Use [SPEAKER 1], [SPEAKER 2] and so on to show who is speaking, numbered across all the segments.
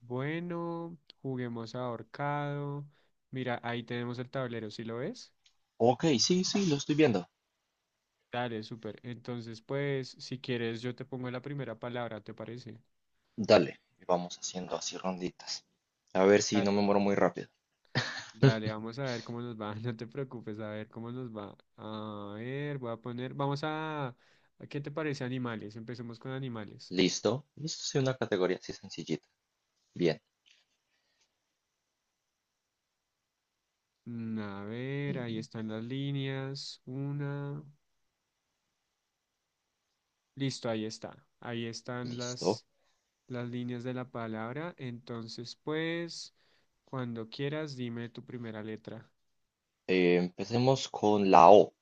[SPEAKER 1] Bueno, juguemos ahorcado. Mira, ahí tenemos el tablero, ¿sí lo ves?
[SPEAKER 2] Ok, sí, sí, lo estoy viendo.
[SPEAKER 1] Dale, súper. Entonces, pues, si quieres, yo te pongo la primera palabra, ¿te parece?
[SPEAKER 2] Dale, y vamos haciendo así ronditas. A ver si no
[SPEAKER 1] Dale.
[SPEAKER 2] me muero muy rápido.
[SPEAKER 1] Dale, vamos a ver cómo nos va. No te preocupes, a ver cómo nos va. A ver, voy a poner, vamos a, ¿qué te parece animales? Empecemos con animales.
[SPEAKER 2] Listo. Listo, sí, una categoría así sencillita. Bien.
[SPEAKER 1] A ver, ahí
[SPEAKER 2] Mm,
[SPEAKER 1] están las líneas. Una. Listo, ahí está. Ahí están
[SPEAKER 2] Listo.
[SPEAKER 1] las líneas de la palabra. Entonces, pues, cuando quieras, dime tu primera letra.
[SPEAKER 2] Empecemos con la O.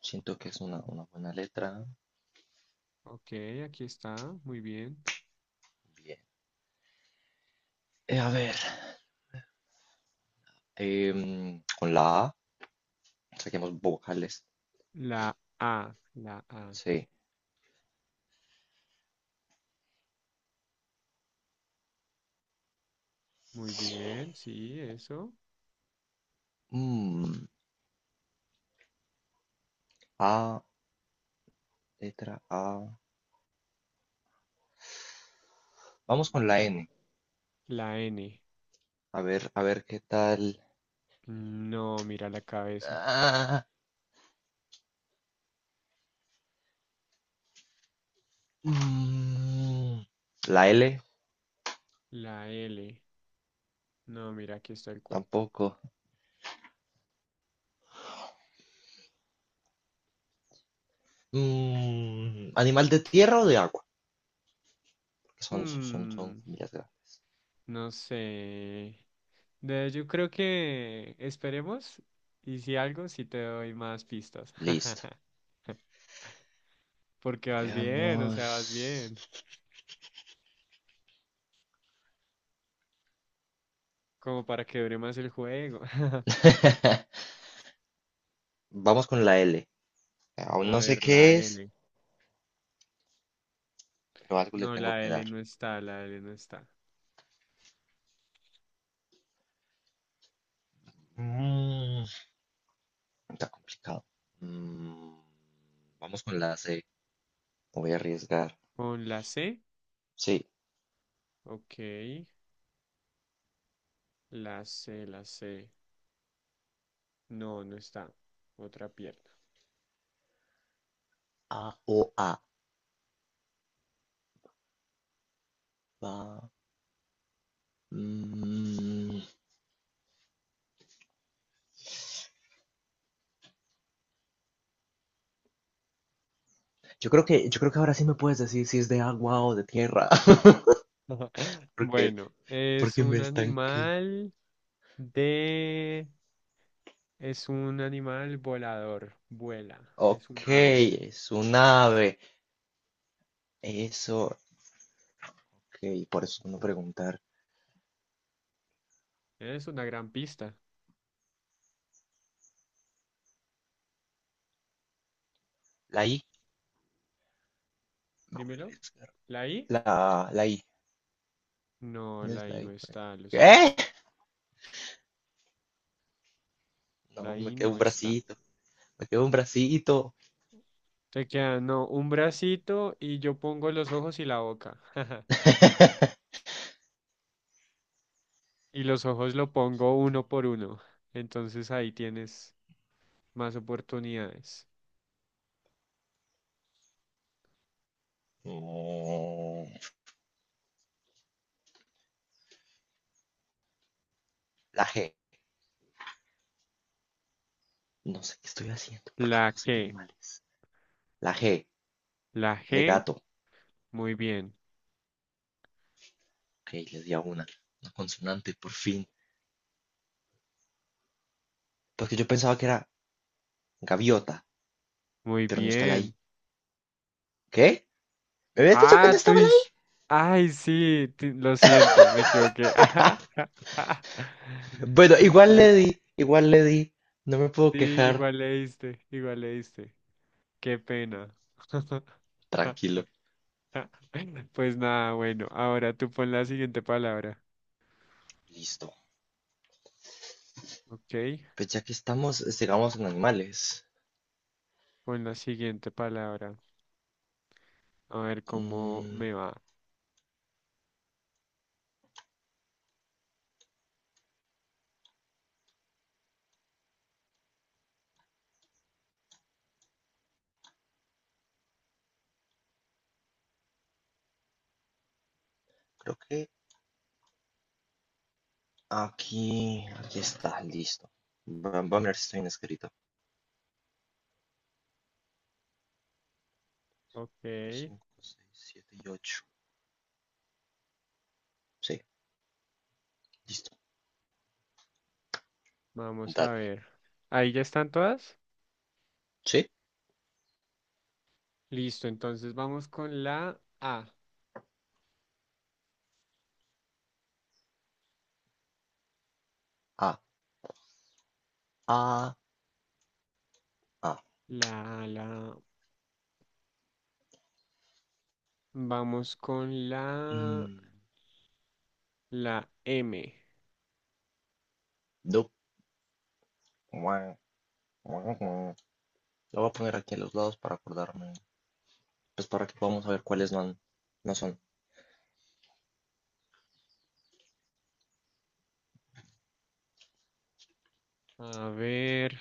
[SPEAKER 2] Siento que es una buena letra.
[SPEAKER 1] Ok, aquí está. Muy bien.
[SPEAKER 2] Bien. A ver. Con la A. Saquemos vocales.
[SPEAKER 1] La A.
[SPEAKER 2] Sí.
[SPEAKER 1] Muy bien, sí, eso.
[SPEAKER 2] Mm, A, letra A.
[SPEAKER 1] ¿Qué
[SPEAKER 2] Vamos con la
[SPEAKER 1] será?
[SPEAKER 2] N.
[SPEAKER 1] La N.
[SPEAKER 2] A ver qué tal.
[SPEAKER 1] No, mira la cabeza.
[SPEAKER 2] Ah, mm, la L.
[SPEAKER 1] La L. No, mira, aquí está el cuerpo.
[SPEAKER 2] Tampoco. ¿Animal de tierra o de agua? Porque son
[SPEAKER 1] Hmm,
[SPEAKER 2] familias grandes.
[SPEAKER 1] no sé. De- yo creo que esperemos y si algo, sí te doy más pistas.
[SPEAKER 2] Listo.
[SPEAKER 1] Porque vas bien, o sea, vas
[SPEAKER 2] Veamos.
[SPEAKER 1] bien. Como para que dure más el juego.
[SPEAKER 2] Vamos con la L. Aún
[SPEAKER 1] A
[SPEAKER 2] no sé
[SPEAKER 1] ver, la
[SPEAKER 2] qué es,
[SPEAKER 1] L.
[SPEAKER 2] pero algo le
[SPEAKER 1] No,
[SPEAKER 2] tengo
[SPEAKER 1] la
[SPEAKER 2] que
[SPEAKER 1] L
[SPEAKER 2] dar.
[SPEAKER 1] no está, la L no está.
[SPEAKER 2] Mm, está complicado. Mm, vamos con la C. Me voy a arriesgar.
[SPEAKER 1] Con la C,
[SPEAKER 2] Sí.
[SPEAKER 1] ok. La C. No, no está. Otra pierna.
[SPEAKER 2] A o A. Va. Mm, yo creo que ahora sí me puedes decir si es de agua o de tierra. Porque,
[SPEAKER 1] Bueno, es
[SPEAKER 2] porque me
[SPEAKER 1] un
[SPEAKER 2] estanqué.
[SPEAKER 1] animal de... Es un animal volador, vuela, es un
[SPEAKER 2] Ok,
[SPEAKER 1] ave.
[SPEAKER 2] es un ave. Eso, ok, por eso no preguntar.
[SPEAKER 1] Es una gran pista,
[SPEAKER 2] La I, me voy a
[SPEAKER 1] dímelo.
[SPEAKER 2] arriesgar.
[SPEAKER 1] ¿La I?
[SPEAKER 2] La I,
[SPEAKER 1] No,
[SPEAKER 2] ¿dónde
[SPEAKER 1] la
[SPEAKER 2] es
[SPEAKER 1] I
[SPEAKER 2] la
[SPEAKER 1] no
[SPEAKER 2] I por ahí?
[SPEAKER 1] está, lo siento.
[SPEAKER 2] ¿Qué?
[SPEAKER 1] La
[SPEAKER 2] No, me
[SPEAKER 1] I
[SPEAKER 2] quedó un
[SPEAKER 1] no está.
[SPEAKER 2] bracito, me quedó un bracito.
[SPEAKER 1] Te queda, no, un bracito y yo pongo los ojos y la boca. Y los ojos lo pongo uno por uno. Entonces ahí tienes más oportunidades.
[SPEAKER 2] Mm, La G, no sé qué estoy haciendo, porque
[SPEAKER 1] La
[SPEAKER 2] no sé qué
[SPEAKER 1] que,
[SPEAKER 2] animal es. La G,
[SPEAKER 1] la
[SPEAKER 2] de
[SPEAKER 1] G,
[SPEAKER 2] gato.
[SPEAKER 1] muy bien,
[SPEAKER 2] Ok, les di a una consonante, por fin. Porque yo pensaba que era gaviota,
[SPEAKER 1] muy
[SPEAKER 2] pero no está la
[SPEAKER 1] bien.
[SPEAKER 2] I. ¿Qué? ¿Me habías dicho que
[SPEAKER 1] Ah,
[SPEAKER 2] no
[SPEAKER 1] tú
[SPEAKER 2] estaba la?
[SPEAKER 1] dices, ay, sí, ti- lo siento, me equivoqué.
[SPEAKER 2] Bueno,
[SPEAKER 1] Me
[SPEAKER 2] igual le di,
[SPEAKER 1] equivoqué.
[SPEAKER 2] igual le di. No me puedo
[SPEAKER 1] Sí,
[SPEAKER 2] quejar.
[SPEAKER 1] igual leíste, igual leíste. Qué pena.
[SPEAKER 2] Tranquilo.
[SPEAKER 1] Pues nada, bueno, ahora tú pon la siguiente palabra.
[SPEAKER 2] Listo.
[SPEAKER 1] Ok,
[SPEAKER 2] Pues ya que estamos, sigamos en animales.
[SPEAKER 1] con la siguiente palabra. A ver cómo
[SPEAKER 2] Mm,
[SPEAKER 1] me va.
[SPEAKER 2] creo que aquí está, listo. Va a ver si estoy inscrito.
[SPEAKER 1] Ok,
[SPEAKER 2] 5, 6, 7 y 8. Sí, listo.
[SPEAKER 1] vamos a
[SPEAKER 2] Dale.
[SPEAKER 1] ver. ¿Ahí ya están todas?
[SPEAKER 2] Sí.
[SPEAKER 1] Listo, entonces vamos con la A.
[SPEAKER 2] Ah, ah, ah.
[SPEAKER 1] La A, la... Vamos con la...
[SPEAKER 2] Mm,
[SPEAKER 1] La M.
[SPEAKER 2] du. Guau, guau, guau. Lo voy a poner aquí a los lados para acordarme. Pues para que podamos saber cuáles no, no son.
[SPEAKER 1] A ver,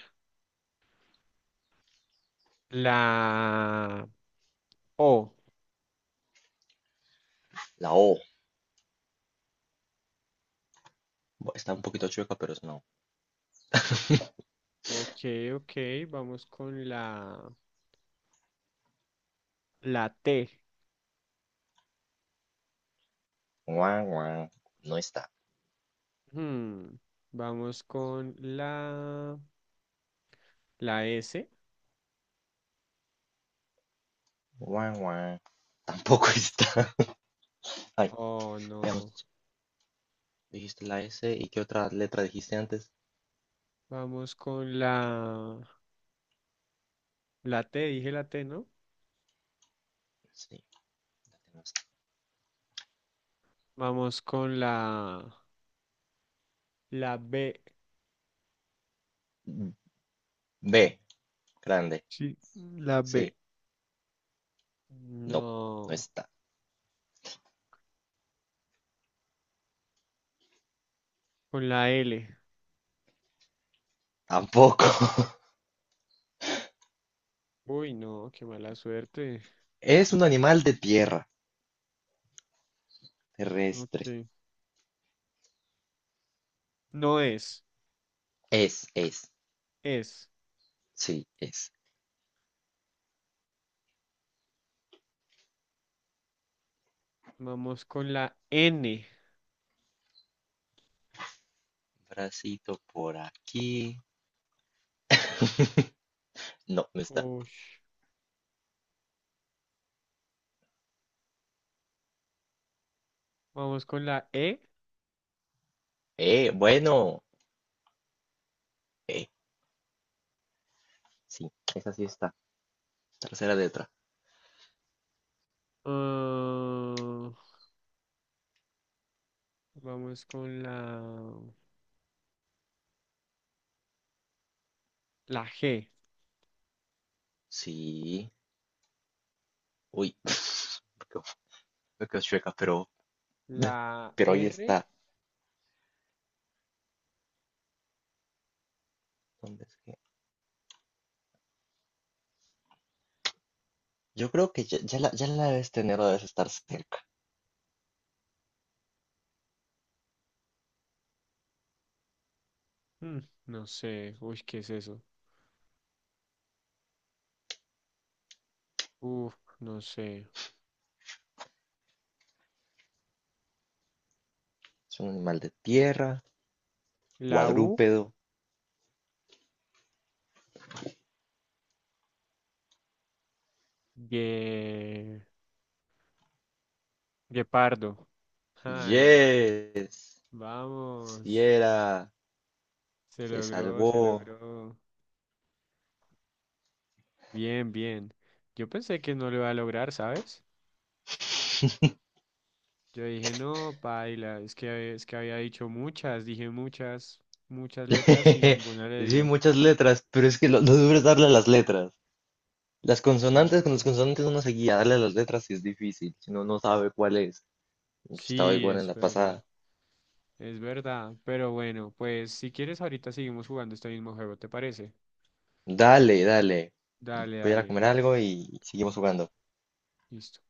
[SPEAKER 1] la O.
[SPEAKER 2] La O. Está un poquito chueca, pero es no.
[SPEAKER 1] Ok, ok, vamos con la... La T.
[SPEAKER 2] Guau, guau. No está.
[SPEAKER 1] Hmm, Vamos con la... La S.
[SPEAKER 2] Guau, guau. Tampoco está. Ay,
[SPEAKER 1] Oh, no.
[SPEAKER 2] veamos. ¿Dijiste la S y qué otra letra dijiste antes?
[SPEAKER 1] Vamos con la, la T, dije la T, ¿no?
[SPEAKER 2] Sí, la tenemos.
[SPEAKER 1] Vamos con la, la B.
[SPEAKER 2] Mm, B, grande.
[SPEAKER 1] Sí, la B.
[SPEAKER 2] Sí, no, no
[SPEAKER 1] No,
[SPEAKER 2] está.
[SPEAKER 1] con la L.
[SPEAKER 2] Tampoco.
[SPEAKER 1] Uy, no, qué mala suerte.
[SPEAKER 2] Es un animal de tierra, terrestre.
[SPEAKER 1] Ok. No es,
[SPEAKER 2] Es, es.
[SPEAKER 1] es.
[SPEAKER 2] Sí, es.
[SPEAKER 1] Vamos con la N.
[SPEAKER 2] Bracito por aquí. No, no está.
[SPEAKER 1] Uy. Vamos con la E.
[SPEAKER 2] Bueno. Eh, sí, esa sí está. Tercera letra.
[SPEAKER 1] Ah, vamos con la, la G.
[SPEAKER 2] Sí, uy, quedo, me quedo chueca, pero,
[SPEAKER 1] La
[SPEAKER 2] pero ahí
[SPEAKER 1] R.
[SPEAKER 2] está. ¿Dónde es que? Yo creo que ya la debes tener o debes estar cerca.
[SPEAKER 1] Mm, no sé. Uy, ¿qué es eso? Uf, no sé.
[SPEAKER 2] Es un animal de tierra,
[SPEAKER 1] La U,
[SPEAKER 2] cuadrúpedo.
[SPEAKER 1] Gue- Guepardo. Ay,
[SPEAKER 2] Yes, si
[SPEAKER 1] vamos.
[SPEAKER 2] era,
[SPEAKER 1] Se
[SPEAKER 2] se
[SPEAKER 1] logró, se
[SPEAKER 2] salvó.
[SPEAKER 1] logró. Bien, bien. Yo pensé que no lo iba a lograr, ¿sabes? Yo dije, no, paila, es que había dicho muchas, dije muchas, muchas letras y ninguna le
[SPEAKER 2] Sí,
[SPEAKER 1] dio.
[SPEAKER 2] muchas letras, pero es que lo duro es darle a las letras. Las
[SPEAKER 1] Sí,
[SPEAKER 2] consonantes, con las consonantes uno se guía, darle a las letras sí es difícil, si no, no sabe cuál es. Yo estaba
[SPEAKER 1] sí,
[SPEAKER 2] igual en
[SPEAKER 1] es
[SPEAKER 2] la
[SPEAKER 1] verdad,
[SPEAKER 2] pasada.
[SPEAKER 1] es verdad. Pero bueno, pues si quieres ahorita seguimos jugando este mismo juego, ¿te parece?
[SPEAKER 2] Dale, dale, voy
[SPEAKER 1] Dale,
[SPEAKER 2] a ir a
[SPEAKER 1] dale,
[SPEAKER 2] comer algo y seguimos jugando.
[SPEAKER 1] listo.